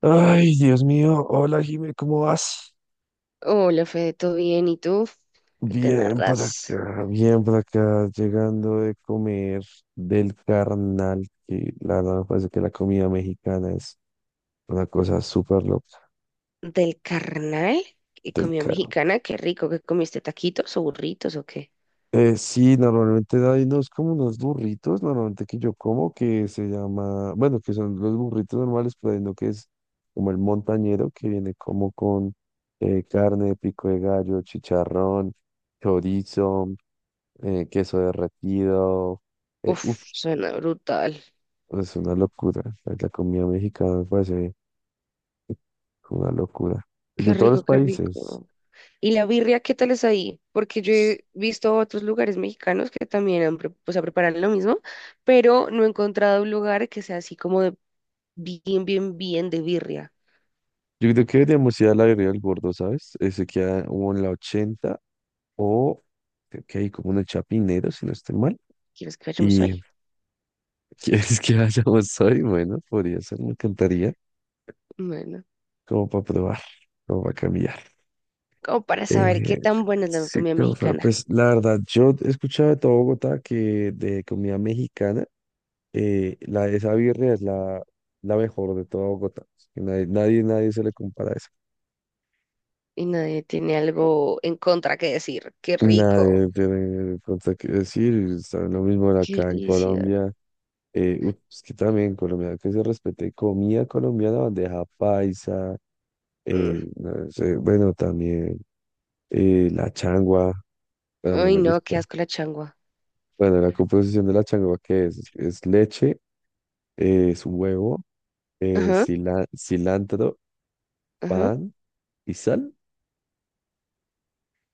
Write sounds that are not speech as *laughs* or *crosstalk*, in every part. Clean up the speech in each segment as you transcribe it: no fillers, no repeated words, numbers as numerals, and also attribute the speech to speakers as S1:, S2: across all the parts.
S1: Ay, Dios mío, hola Jimé, ¿cómo vas?
S2: Hola, Fede, ¿todo bien? ¿Y tú? ¿Qué te narras
S1: Bien por acá, llegando de comer del carnal, que la verdad me parece que la comida mexicana es una cosa súper loca
S2: del carnal y
S1: del
S2: comida
S1: carnal.
S2: mexicana? Qué rico, ¿qué comiste? ¿Taquitos o burritos o qué?
S1: Sí, normalmente hay unos como unos burritos, normalmente que yo como, que se llama, bueno, que son los burritos normales, pero hay uno que es como el montañero, que viene como con carne, pico de gallo, chicharrón, chorizo. Queso derretido.
S2: Uf,
S1: Uf,
S2: suena brutal.
S1: es una locura. Pues, la comida mexicana me parece una locura. De
S2: Qué
S1: todos los
S2: rico, qué
S1: países.
S2: rico. ¿Y la birria qué tal es ahí? Porque yo he visto otros lugares mexicanos que también han, o sea, preparan lo mismo, pero no he encontrado un lugar que sea así como de bien, bien, bien de birria.
S1: Yo creo que deberíamos ir a la Guerrilla del Gordo, ¿sabes? Ese queda como en la 80 o creo que hay como en el Chapinero, si no estoy mal.
S2: ¿Quieres que vayamos
S1: Y *laughs*
S2: hoy?
S1: quieres que vayamos hoy, bueno, podría ser, me encantaría,
S2: Bueno,
S1: como para probar, como para cambiar.
S2: como para saber qué
S1: Eh,
S2: tan buena es la
S1: sí,
S2: comida mexicana.
S1: pues la verdad, yo he escuchado de todo Bogotá que de comida mexicana. Esa birria es la mejor de toda Bogotá. Que nadie, nadie, nadie se le compara a esa.
S2: Y nadie tiene algo en contra que decir. Qué
S1: Y nada,
S2: rico,
S1: de pronto que decir, saben lo mismo
S2: qué
S1: acá en
S2: delicia.
S1: Colombia. Es que también en Colombia que se respete comida colombiana, bandeja paisa,
S2: Mm.
S1: no sé, bueno, también la changua, bueno, no
S2: Ay,
S1: me
S2: no,
S1: gusta.
S2: qué asco la changua.
S1: Bueno, la composición de la changua, ¿qué es? Es leche, es huevo,
S2: Ajá,
S1: cilantro,
S2: ajá.
S1: pan y sal.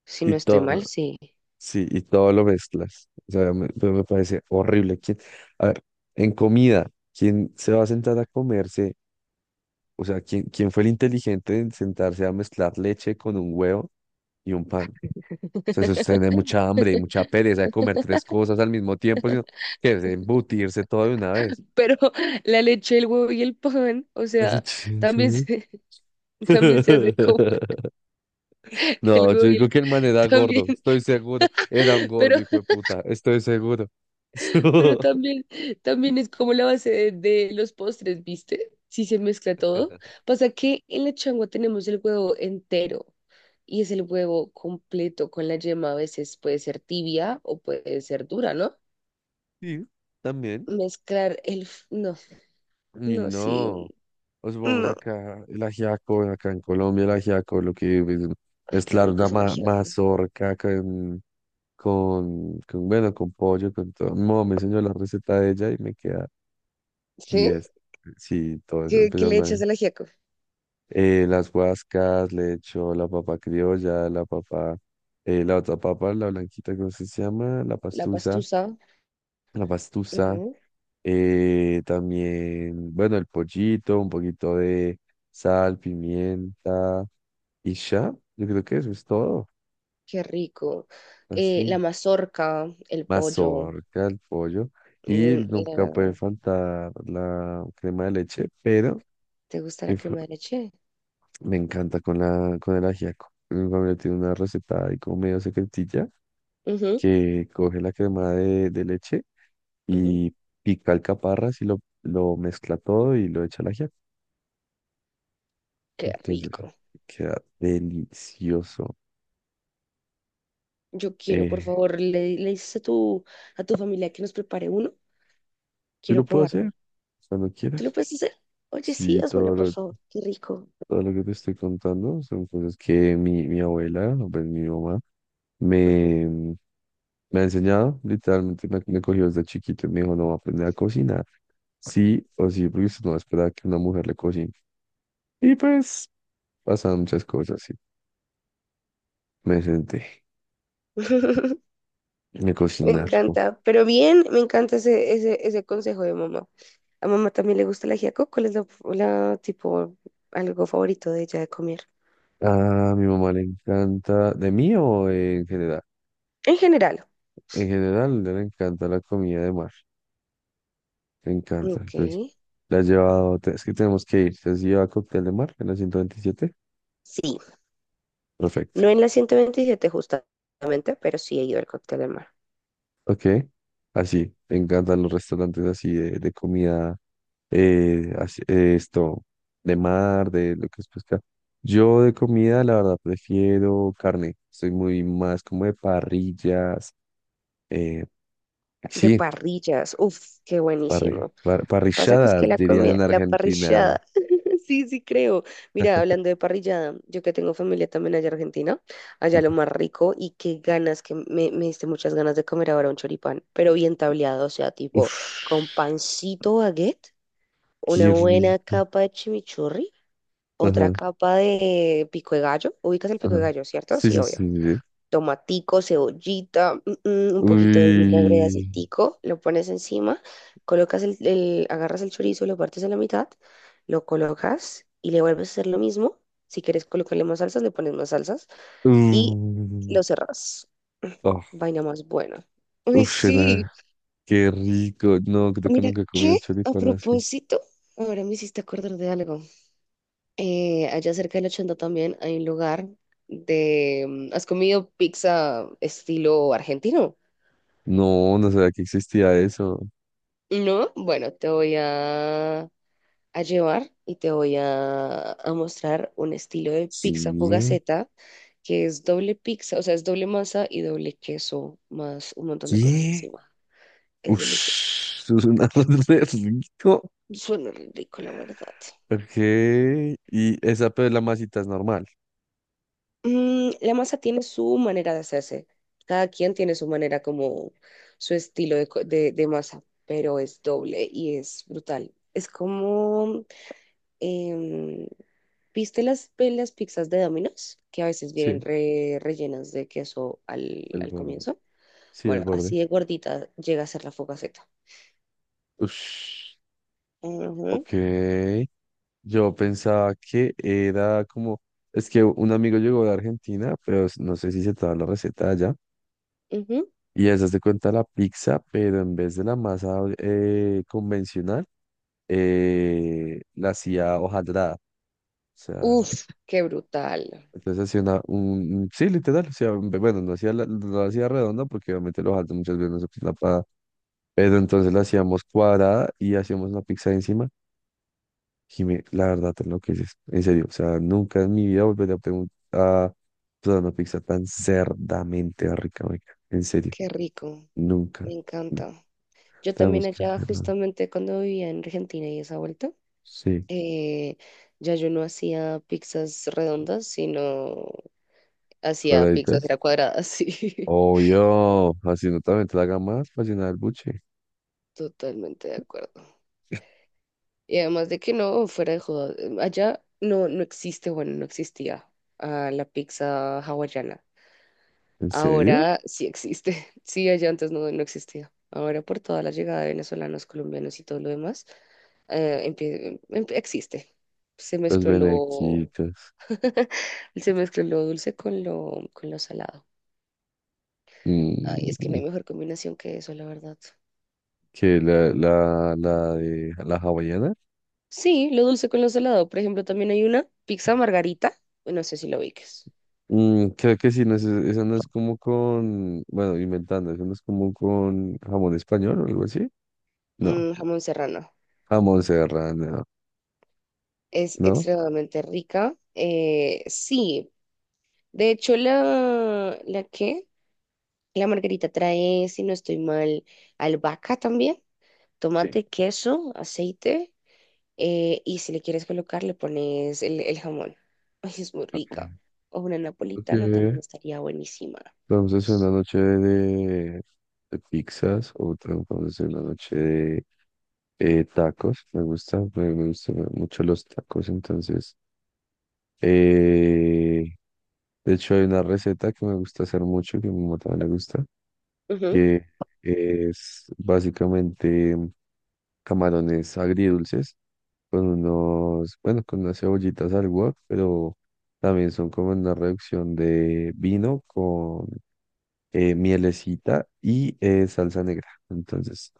S2: Si
S1: Y
S2: no estoy
S1: todo,
S2: mal, sí.
S1: Sí, y todo lo mezclas. O sea, pero me parece horrible. A ver, en comida, ¿quién se va a sentar a comerse? O sea, ¿quién fue el inteligente en sentarse a mezclar leche con un huevo y un pan? O sea, eso es tener mucha hambre y mucha pereza de comer tres cosas al mismo tiempo, sino que es embutirse todo de una vez.
S2: Pero *laughs* la leche, el huevo y el pan, o
S1: La
S2: sea,
S1: leche del
S2: también
S1: huevo.
S2: se, *laughs* también se hace como
S1: *laughs* No,
S2: el huevo
S1: yo
S2: y
S1: digo
S2: el
S1: que el man era
S2: también,
S1: gordo, estoy seguro. Era un
S2: *laughs* pero
S1: gordo, hijo de puta, estoy seguro.
S2: Pero
S1: *laughs*
S2: también, también es como la base de los postres, ¿viste? Si se mezcla todo. Pasa que en la changua tenemos el huevo entero y es el huevo completo con la yema. A veces puede ser tibia o puede ser dura, ¿no?
S1: Sí, también.
S2: Mezclar el. No,
S1: Y
S2: no, sí.
S1: no, o supongamos
S2: No.
S1: acá el ajiaco, acá en Colombia el ajiaco, lo que es
S2: Ay, qué
S1: mezclar
S2: rico
S1: una
S2: es el ajiaco.
S1: mazorca con, bueno, con pollo, con todo. Mi mamá me enseñó la receta de ella y me queda
S2: ¿Sí?
S1: 10. Sí, todo eso.
S2: ¿Qué le
S1: Empezamos
S2: echas al ajiaco?
S1: las guascas, le echo la papa criolla, la papa, la otra papa, la blanquita, ¿cómo se llama? La
S2: La
S1: pastusa,
S2: pastusa.
S1: la pastusa.
S2: Ujú.
S1: También, bueno, el pollito, un poquito de sal, pimienta y ya. Yo creo que eso es todo.
S2: Qué rico. La
S1: Así,
S2: mazorca, el pollo.
S1: mazorca, el pollo. Y
S2: eh,
S1: nunca puede
S2: la-
S1: faltar la crema de leche, pero
S2: ¿Te gusta la
S1: mi fa-
S2: crema de leche?
S1: me encanta con con el ajiaco. Mi familia tiene una receta ahí como medio secretilla
S2: Ujú,
S1: que coge la crema de leche
S2: ujú.
S1: y pica alcaparras y lo mezcla todo y lo echa al ajiaco.
S2: Qué
S1: Entonces,
S2: rico.
S1: queda delicioso.
S2: Yo quiero, por
S1: Eh,
S2: favor, le dices a tu familia que nos prepare uno.
S1: yo
S2: Quiero
S1: lo puedo hacer
S2: probarlo.
S1: cuando
S2: ¿Tú lo
S1: quieras.
S2: puedes hacer? Oye, sí,
S1: Sí,
S2: házmelo, por favor. Qué rico.
S1: todo lo que te estoy contando son cosas que mi abuela, o pues mi mamá,
S2: Ujú.
S1: me, mm, me ha enseñado. Literalmente me cogió desde chiquito y me dijo, no, va a aprender a cocinar. Sí o sí, porque usted no espera que una mujer le cocine. Y pues pasan muchas cosas, sí. Me senté,
S2: *laughs*
S1: me
S2: Me
S1: cocinar.
S2: encanta. Pero bien, me encanta ese consejo de mamá. A mamá también le gusta la ajiaco. ¿Cuál es la, tipo, algo favorito de ella de comer?
S1: A mi mamá le encanta, ¿de mí o en general?
S2: En general.
S1: En general, le encanta la comida de mar, le encanta.
S2: Ok.
S1: Entonces, la ha llevado, es que tenemos que ir. Entonces, si lleva cóctel de mar en la 127.
S2: Sí.
S1: Perfecto.
S2: No en la 127 justamente, pero sí he ido al cóctel del mar.
S1: Ok. Así, le encantan los restaurantes así de comida, esto, de mar, de lo que es pesca. Yo de comida, la verdad, prefiero carne. Soy muy más como de parrillas. eh,
S2: De
S1: sí,
S2: parrillas. Uf, qué buenísimo. Pasa que es
S1: parrilladas,
S2: que la
S1: dirían en
S2: comida, la
S1: Argentina.
S2: parrillada, *laughs* sí, sí creo. Mira, hablando de parrillada, yo que tengo familia también allá en Argentina, allá lo más rico y qué ganas, que me diste muchas ganas de comer ahora un choripán, pero bien tableado, o sea, tipo
S1: Uf,
S2: con pancito baguette, una
S1: qué
S2: buena
S1: rico.
S2: capa de chimichurri, otra
S1: Ajá,
S2: capa de pico de gallo. Ubicas el pico
S1: ajá.
S2: de gallo, ¿cierto?
S1: Sí,
S2: Sí,
S1: sí,
S2: obvio
S1: sí, sí. Sí.
S2: tomatico, cebollita, un poquito de vinagre de
S1: Uy.
S2: aceitico, lo pones encima, colocas agarras el chorizo, lo partes a la mitad, lo colocas y le vuelves a hacer lo mismo. Si quieres colocarle más salsas, le pones más salsas y
S1: Mm.
S2: lo cerrás. *clears throat*
S1: Oh,
S2: Vaina más buena. Ay,
S1: uf,
S2: sí.
S1: nada. Qué rico. No, creo que
S2: Mira,
S1: nunca he comido
S2: ¿qué? A
S1: choripán así.
S2: propósito, ahora me hiciste acordar de algo. Allá cerca del 80 también hay un lugar. ¿Has comido pizza estilo argentino?
S1: No, no sabía que existía eso.
S2: No, bueno, te voy a llevar y te voy a mostrar un estilo de pizza
S1: ¿Qué?
S2: fugaceta que es doble pizza, o sea, es doble masa y doble queso, más un montón de cosas
S1: ¿Qué?
S2: encima. Es
S1: Uf,
S2: delicioso.
S1: *laughs* eso es un arroz *laughs* re rico.
S2: Suena re rico, la verdad.
S1: Ok. Y esa, pero la masita es normal.
S2: Mm, la masa tiene su manera de hacerse. Cada quien tiene su manera como su estilo de masa, pero es doble y es brutal. Es como, em, ¿viste las pizzas de Domino's? Que a veces vienen
S1: Sí,
S2: rellenas de queso al,
S1: el
S2: al
S1: borde.
S2: comienzo.
S1: Sí, el
S2: Bueno,
S1: borde.
S2: así de gordita llega a ser la focaceta.
S1: Uf.
S2: Ujú,
S1: Ok. Yo pensaba que era como, es que un amigo llegó de Argentina, pero no sé si se traba la receta allá,
S2: ujú.
S1: y esa se cuenta la pizza, pero en vez de la masa convencional, la hacía hojaldrada. O sea,
S2: Uf, qué brutal.
S1: entonces hacía un, sí, literal, o sea, bueno, no la hacía redonda porque obviamente la hojaldre muchas veces no se usa para, pero entonces la hacíamos cuadrada y hacíamos una pizza encima. Jime, la verdad te enloqueces, en serio, o sea, nunca en mi vida volveré a preguntar a probar una pizza tan cerdamente rica, marica, en serio,
S2: Qué rico.
S1: nunca,
S2: Me
S1: nunca,
S2: encanta. Yo también
S1: tenemos que
S2: allá,
S1: hacerlo, ¿no?
S2: justamente cuando vivía en Argentina y esa vuelta,
S1: Sí,
S2: eh, ya yo no hacía pizzas redondas, sino hacía pizzas
S1: cuadraditas,
S2: era cuadradas, *laughs* sí.
S1: obvio, así no también te la haga más para llenar el buche,
S2: Totalmente de acuerdo. Y además de que no, fuera de joda, allá no, no existe, bueno, no existía la pizza hawaiana.
S1: en serio,
S2: Ahora sí existe. *laughs* Sí, allá antes no, no existía. Ahora por toda la llegada de venezolanos, colombianos y todo lo demás, existe. Se
S1: los
S2: mezcló lo,
S1: benequitos,
S2: *laughs* se mezcló lo dulce con lo salado. Ay, es que no
S1: mm,
S2: hay mejor combinación que eso, la verdad.
S1: que la de la hawaiana,
S2: Sí, lo dulce con lo salado. Por ejemplo, también hay una pizza margarita. No sé si lo ubiques.
S1: Creo que sí, eso no es como con, bueno, inventando, eso no es como con jamón español o algo así. No,
S2: Mm, jamón serrano.
S1: A Serrano,
S2: Es
S1: ¿no?
S2: extremadamente rica. Sí, de hecho ¿la qué? La margarita trae, si no estoy mal, albahaca también,
S1: Sí.
S2: tomate, queso, aceite y si le quieres colocar le pones el jamón. *laughs* Ay, es muy
S1: Ok.
S2: rica. O una
S1: Ok.
S2: napolitana también estaría buenísima.
S1: Vamos a hacer una noche de pizzas, otra vamos a hacer una noche de tacos. Me gusta, me gustan mucho los tacos, entonces. eh, de hecho, hay una receta que me gusta hacer mucho, que a mi mamá también le gusta,
S2: Ujú.
S1: que es básicamente camarones agridulces. Con bueno, con unas cebollitas al wok, pero también son como una reducción de vino con mielecita y salsa negra. Entonces,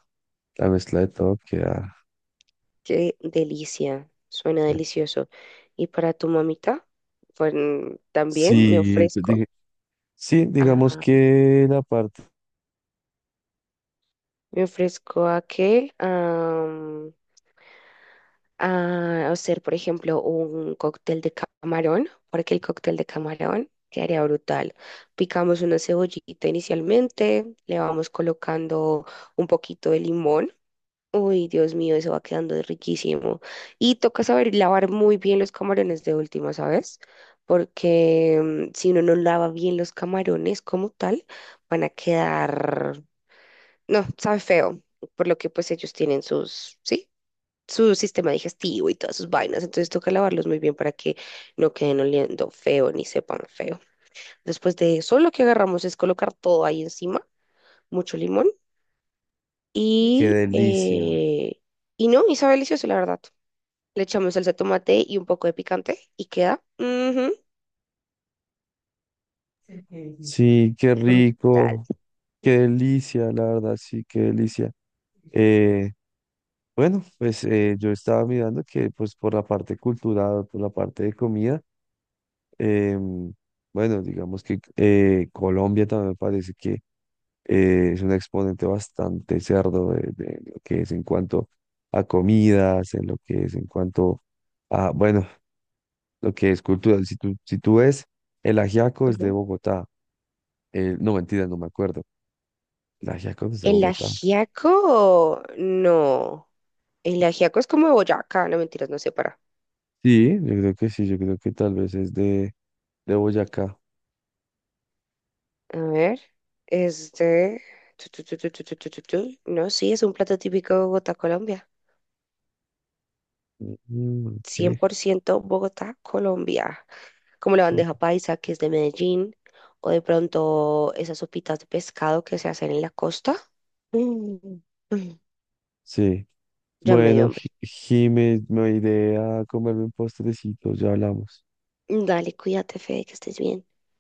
S1: la mezcla de todo queda,
S2: Qué delicia, suena
S1: queda-
S2: delicioso. ¿Y para tu mamita? Pues, también me
S1: Sí, pues,
S2: ofrezco.
S1: sí, digamos que la parte,
S2: Me ofrezco a que a hacer, por ejemplo, un cóctel de camarón, porque el cóctel de camarón quedaría brutal. Picamos una cebollita inicialmente, le vamos colocando un poquito de limón. Uy, Dios mío, eso va quedando riquísimo. Y toca saber lavar muy bien los camarones de última, ¿sabes? Porque si uno no lava bien los camarones como tal, van a quedar no, sabe feo, por lo que pues ellos tienen sus, sí, su sistema digestivo y todas sus vainas, entonces toca lavarlos muy bien para que no queden oliendo feo ni sepan feo. Después de eso, lo que agarramos es colocar todo ahí encima, mucho limón
S1: qué
S2: y,
S1: delicia.
S2: eh, y no, y sabe delicioso, la verdad. Le echamos salsa de tomate y un poco de picante y queda
S1: Sí, qué
S2: brutal.
S1: rico, qué delicia, la verdad, sí, qué delicia. Eh, bueno, pues yo estaba mirando que pues por la parte cultural, por la parte de comida, Em, bueno, digamos que Colombia también me parece que es un exponente bastante cerdo de lo que es en cuanto a comidas, en lo que es en cuanto a, bueno, lo que es cultural. Si tú ves, el ajiaco es de
S2: Ujú.
S1: Bogotá. No, mentira, no me acuerdo. El ajiaco no es de
S2: El
S1: Bogotá.
S2: ajiaco, no. El ajiaco es como de Boyacá, no mentiras, no sé para.
S1: Sí, yo creo que sí, yo creo que tal vez es de Boyacá.
S2: A ver, es de... tu, no, sí, es un plato típico de Bogotá, Colombia.
S1: Mm,
S2: Cien
S1: ok,
S2: por ciento Bogotá, Colombia. Como la
S1: sí.
S2: bandeja paisa, que es de Medellín, o de pronto esas sopitas de pescado que se hacen en la costa. Mm, mm,
S1: Sí.
S2: Ya me dio
S1: Bueno,
S2: hambre.
S1: Jimé, me iré a comerme un postrecito, ya hablamos.
S2: Dale, cuídate, Fede, que estés bien.